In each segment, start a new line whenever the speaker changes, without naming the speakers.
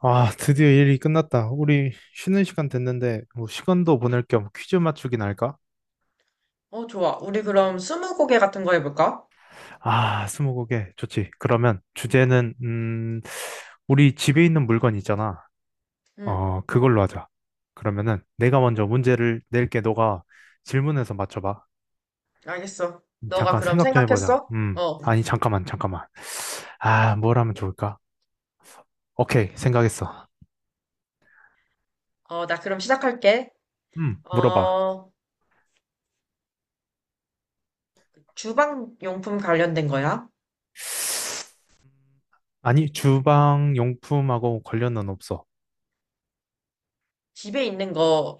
아, 드디어 일이 끝났다. 우리 쉬는 시간 됐는데, 뭐 시간도 보낼 겸 퀴즈 맞추기나 할까?
어, 좋아. 우리 그럼 스무고개 같은 거 해볼까?
아, 스무고개 좋지. 그러면 주제는, 우리 집에 있는 물건 있잖아.
응,
어, 그걸로 하자. 그러면은 내가 먼저 문제를 낼게. 너가 질문해서 맞춰봐.
알겠어. 너가
잠깐
그럼
생각 좀 해보자.
생각했어? 어,
아니, 잠깐만, 잠깐만. 아, 뭘 하면 좋을까? 오케이, 생각했어.
어, 나 그럼 시작할게.
물어봐.
어, 주방 용품 관련된 거야?
아니, 주방 용품하고 관련은 없어.
집에 있는 거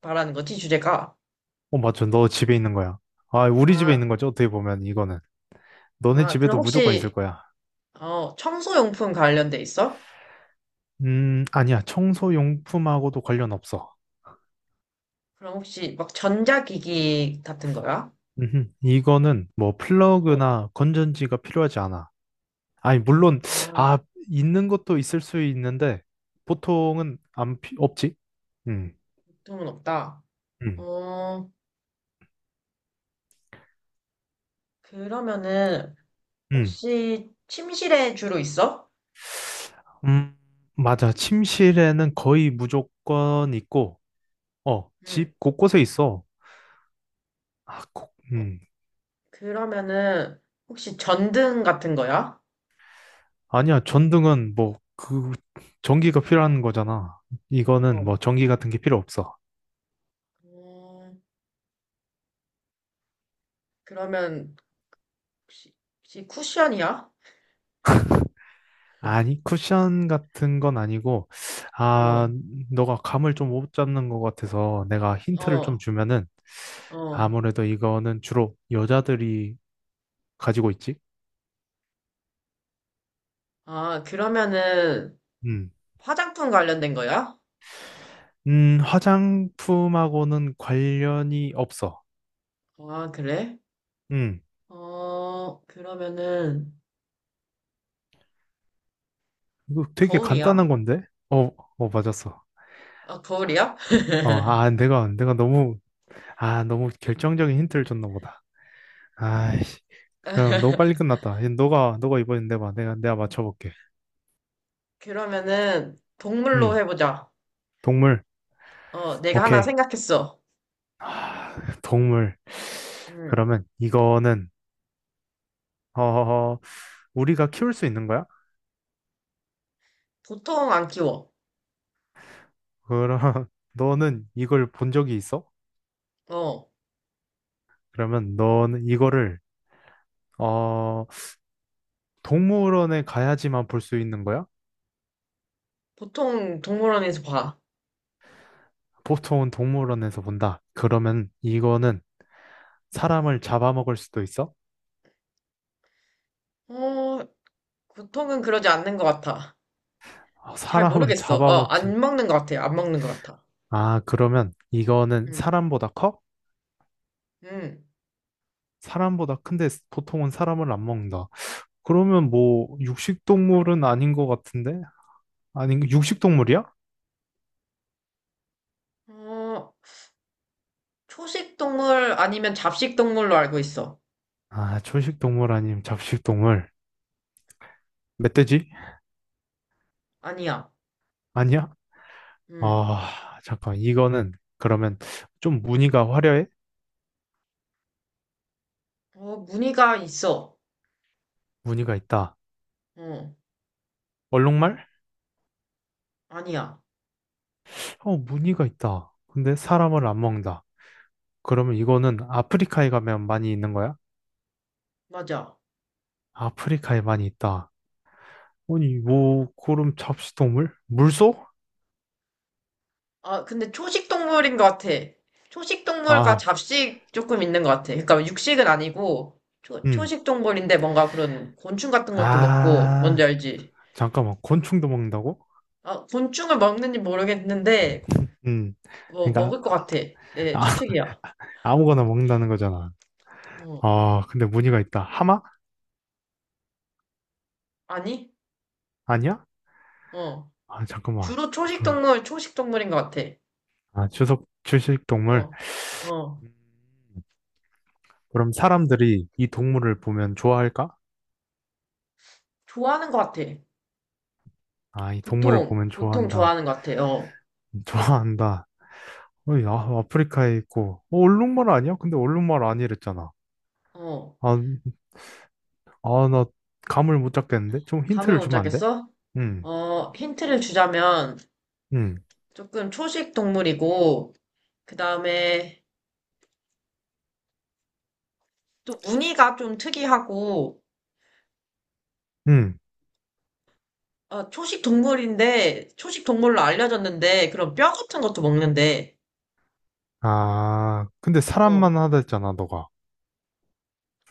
말하는 거지, 주제가?
어, 맞죠. 너 집에 있는 거야. 아, 우리 집에
아,
있는 거죠. 어떻게 보면 이거는. 너네
아,
집에도
그럼
무조건 있을
혹시,
거야.
어, 청소 용품 관련돼 있어?
아니야. 청소용품하고도 관련 없어.
그럼 혹시 막 전자기기 같은 거야?
음흠. 이거는 뭐
어,
플러그나 건전지가 필요하지 않아. 아니, 물론,
아,
아, 있는 것도 있을 수 있는데, 보통은 안, 없지? 음,
보통은 없다.
음,
어, 그러면은,
음.
혹시 침실에 주로 있어?
음, 맞아. 침실에는 거의 무조건 있고, 어,
응.
집 곳곳에 있어. 아, 꼭,
그러면은 혹시 전등 같은 거야?
아니야, 전등은 뭐, 그, 전기가 필요한 거잖아. 이거는
어.
뭐, 전기 같은 게 필요 없어.
음, 그러면 혹시, 혹시 쿠션이야?
아니, 쿠션 같은 건 아니고,
어,
아, 너가 감을 좀 못 잡는 것 같아서 내가 힌트를 좀
어,
주면은,
어.
아무래도 이거는 주로 여자들이 가지고 있지?
아, 그러면은
음.
화장품 관련된 거야?
화장품하고는 관련이 없어.
아, 그래?
음.
어, 그러면은
이거 되게
거울이야?
간단한 건데? 어, 어, 맞았어.
아, 거울이야?
어, 아, 내가 너무, 아, 너무 결정적인 힌트를 줬나 보다. 아이씨, 그럼 너무 빨리 끝났다. 너가 이번엔 내봐. 내가 맞춰볼게.
그러면은 동물로
음,
해보자.
동물.
어, 내가 하나
오케이.
생각했어.
동물.
음,
그러면 이거는, 어, 우리가 키울 수 있는 거야?
보통 안 키워.
그럼 너는 이걸 본 적이 있어?
어,
그러면 너는 이거를, 어, 동물원에 가야지만 볼 수 있는 거야?
보통 동물원에서 봐.
보통은 동물원에서 본다. 그러면 이거는 사람을 잡아먹을 수도 있어?
어, 보통은 그러지 않는 것 같아.
어,
잘
사람을
모르겠어. 어,
잡아먹진.
안 먹는 것 같아요. 안 먹는 것 같아.
아, 그러면 이거는
음,
사람보다 커?
음.
사람보다 큰데 보통은 사람을 안 먹는다. 그러면 뭐 육식동물은 아닌 것 같은데? 아닌 육식동물이야?
어, 초식 동물 아니면 잡식 동물로 알고 있어.
아, 초식동물 아님 잡식동물. 멧돼지?
아니야.
아니야?
음.
아, 잠깐. 이거는 그러면 좀 무늬가 화려해?
어, 무늬가 있어.
무늬가 있다.
어,
얼룩말?
아니야.
어, 무늬가 있다. 근데 사람을 안 먹는다. 그러면 이거는 아프리카에 가면 많이 있는 거야?
맞아.
아프리카에 많이 있다. 아니, 뭐, 그럼 잡식동물? 물소?
아, 근데 초식 동물인 것 같아. 초식 동물과
아,
잡식 조금 있는 것 같아. 그러니까 육식은 아니고, 초,
음.
초식 동물인데 뭔가 그런 곤충 같은 것도 먹고, 뭔지
아.
알지?
잠깐만, 곤충도 먹는다고?
아, 곤충을 먹는지 모르겠는데,
음,
뭐,
그러니까
먹을 것 같아. 내 추측이야.
아, 무거나 먹는다는 거잖아.
어.
아, 근데 무늬가 있다. 하마?
아니?
아니야?
어.
아, 잠깐만.
주로 초식
그,
동물, 초식 동물인 것 같아.
아, 주석 주식 동물.
어, 어.
음, 그럼 사람들이 이 동물을 보면 좋아할까?
좋아하는 것 같아.
아, 이 동물을
보통,
보면
보통
좋아한다.
좋아하는 것 같아. 어,
좋아한다. 어이, 아, 아프리카에 있고. 어, 얼룩말 아니야? 근데 얼룩말 아니랬잖아.
어.
아, 아, 나 감을 못 잡겠는데? 좀
감을
힌트를
못
주면 안 돼?
잡겠어?
음,
어, 힌트를 주자면
음,
조금 초식 동물이고, 그 다음에 또 무늬가 좀 특이하고,
음.
어, 초식 동물인데, 초식 동물로 알려졌는데, 그런 뼈 같은 것도 먹는데,
아, 근데
어, 어,
사람만 하다 했잖아, 너가.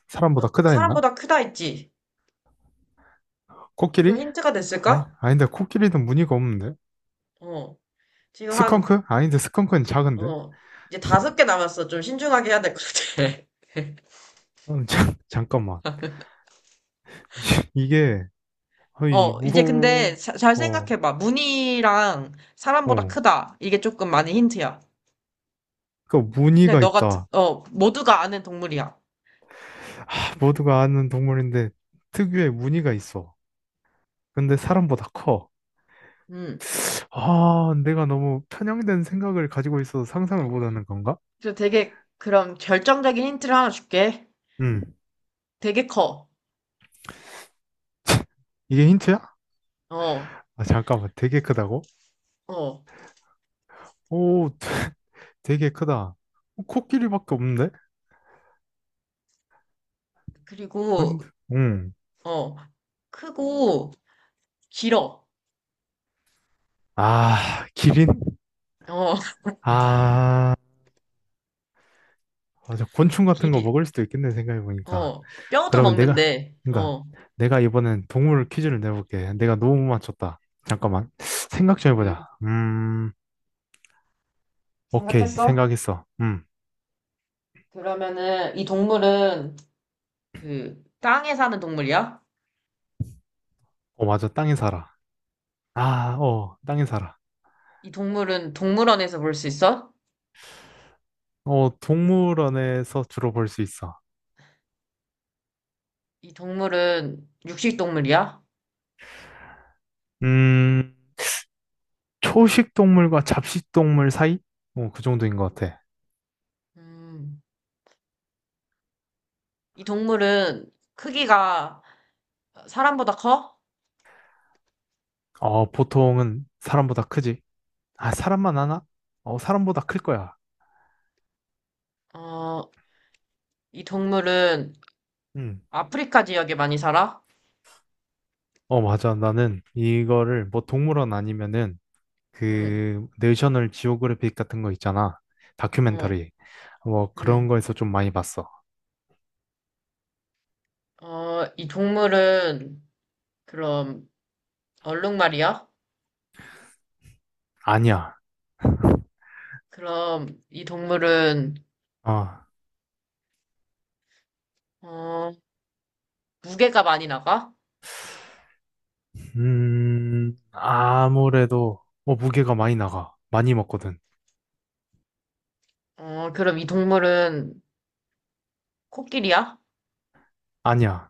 사람보다 크다 했나?
사람보다 크다 했지? 조금
코끼리?
힌트가
아니,
됐을까?
아닌데, 코끼리는 무늬가 없는데?
어. 지금 한
스컹크? 아닌데, 스컹크는 작은데?
어, 이제 다섯 개 남았어. 좀 신중하게 해야 될 것 같아.
자, 잠깐만. 이게, 어이,
어, 이제 근데
무,
잘
어,
생각해봐. 무늬랑 사람보다
어.
크다. 이게 조금 많은 힌트야.
그
그냥
무늬가
너가,
있다.
어, 모두가 아는 동물이야.
아, 모두가 아는 동물인데, 특유의 무늬가 있어. 근데 사람보다 커.
음.
아, 내가 너무 편향된 생각을 가지고 있어서 상상을 못하는 건가?
그래서 되게, 그럼 결정적인 힌트를 하나 줄게.
음,
되게 커.
이게 힌트야?
어,
아, 잠깐만, 되게 크다고?
어.
오, 되게 크다. 어, 코끼리밖에 없는데?
그리고,
아닌데? 응.
어, 크고, 길어.
아, 기린?
어,
아, 맞아. 곤충 같은 거
길이,
먹을 수도 있겠네, 생각해보니까.
어, 뼈도
그러면 내가,
먹는데,
그러니까
어.
내가 이번엔 동물 퀴즈를 내볼게. 내가 너무 못 맞췄다. 잠깐만. 생각 좀
음,
해보자. 오케이.
생각했어?
생각했어. 음.
그러면은 이 동물은 그 땅에 사는 동물이야?
어, 맞아. 땅에 살아. 아, 어, 땅에 살아.
이 동물은 동물원에서 볼 수 있어?
어, 동물원에서 주로 볼 수 있어.
이 동물은 육식 동물이야?
음, 초식 동물과 잡식 동물 사이? 어, 그 정도인 것 같아.
음, 이 동물은 크기가 사람보다 커?
어, 보통은 사람보다 크지. 아, 사람만 하나? 어, 사람보다 클 거야.
어, 이 동물은
응.
아프리카 지역에 많이 살아?
어, 맞아. 나는 이거를 뭐 동물원 아니면은
음,
그 내셔널 지오그래픽 같은 거 있잖아.
어,
다큐멘터리. 뭐 그런
음.
거에서 좀 많이 봤어.
어, 이 동물은 그럼 얼룩말이야?
아니야.
그럼 이 동물은
아,
어, 무게가 많이 나가?
아무래도 뭐 무게가 많이 나가. 많이 먹거든.
어, 그럼 이 동물은 코끼리야?
아니야.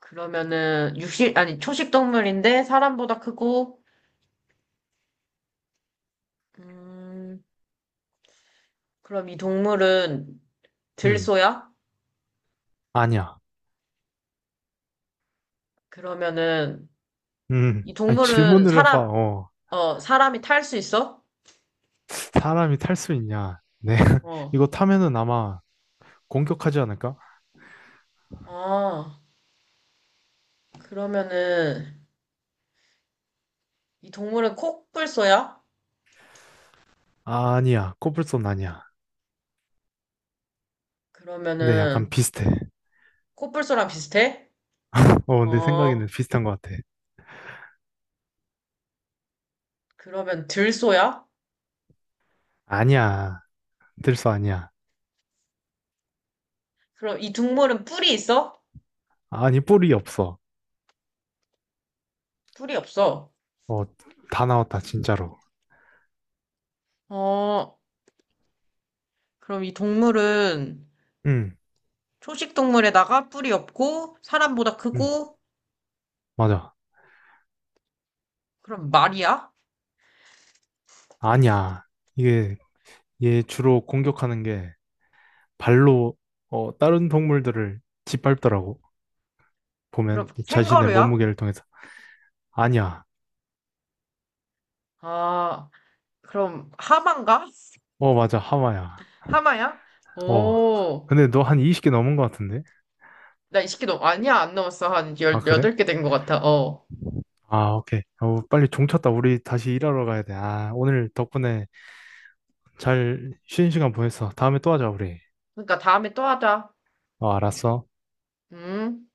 그러면은 육식 아니 초식 동물인데 사람보다 크고, 음, 그럼 이 동물은
응.
들소야?
아니야.
그러면은 이
아니,
동물은
질문을 해봐.
사람,
어.
어, 사람이 탈 수 있어?
사람이 탈 수 있냐? 네.
어.
이거 타면은 아마 공격하지 않을까?
아, 그러면은 이 동물은 코뿔소야?
아, 아니야. 코뿔소는 아니야. 근데 약간
그러면은
비슷해.
코뿔소랑 비슷해?
어, 내
어,
생각에는 비슷한 것 같아.
그러면 들소야?
아니야. 들소 아니야.
그럼 이 동물은 뿔이 있어?
아니, 뿔이 없어.
뿔이 없어.
어, 다 나왔다, 진짜로.
어, 그럼 이 동물은
응,
초식 동물에다가 뿔이 없고 사람보다
응,
크고,
맞아.
그럼 말이야?
아니야. 이게, 얘 주로 공격하는 게 발로, 어, 다른 동물들을 짓밟더라고.
그럼
보면 자신의
캥거루야?
몸무게를 통해서. 아니야.
아, 그럼 하마인가?
어, 맞아. 하마야.
하마야?
어.
오,
근데 너 한 20개 넘은 것 같은데?
나 이 새끼 너 아니야 안 넘었어 한
아, 그래?
18개 된 것 같아. 어.
아, 오케이. 어, 빨리 종 쳤다. 우리 다시 일하러 가야 돼. 아, 오늘 덕분에 잘 쉬는 시간 보냈어. 다음에 또 하자, 우리.
그러니까 다음에 또 하자.
어, 알았어.
음.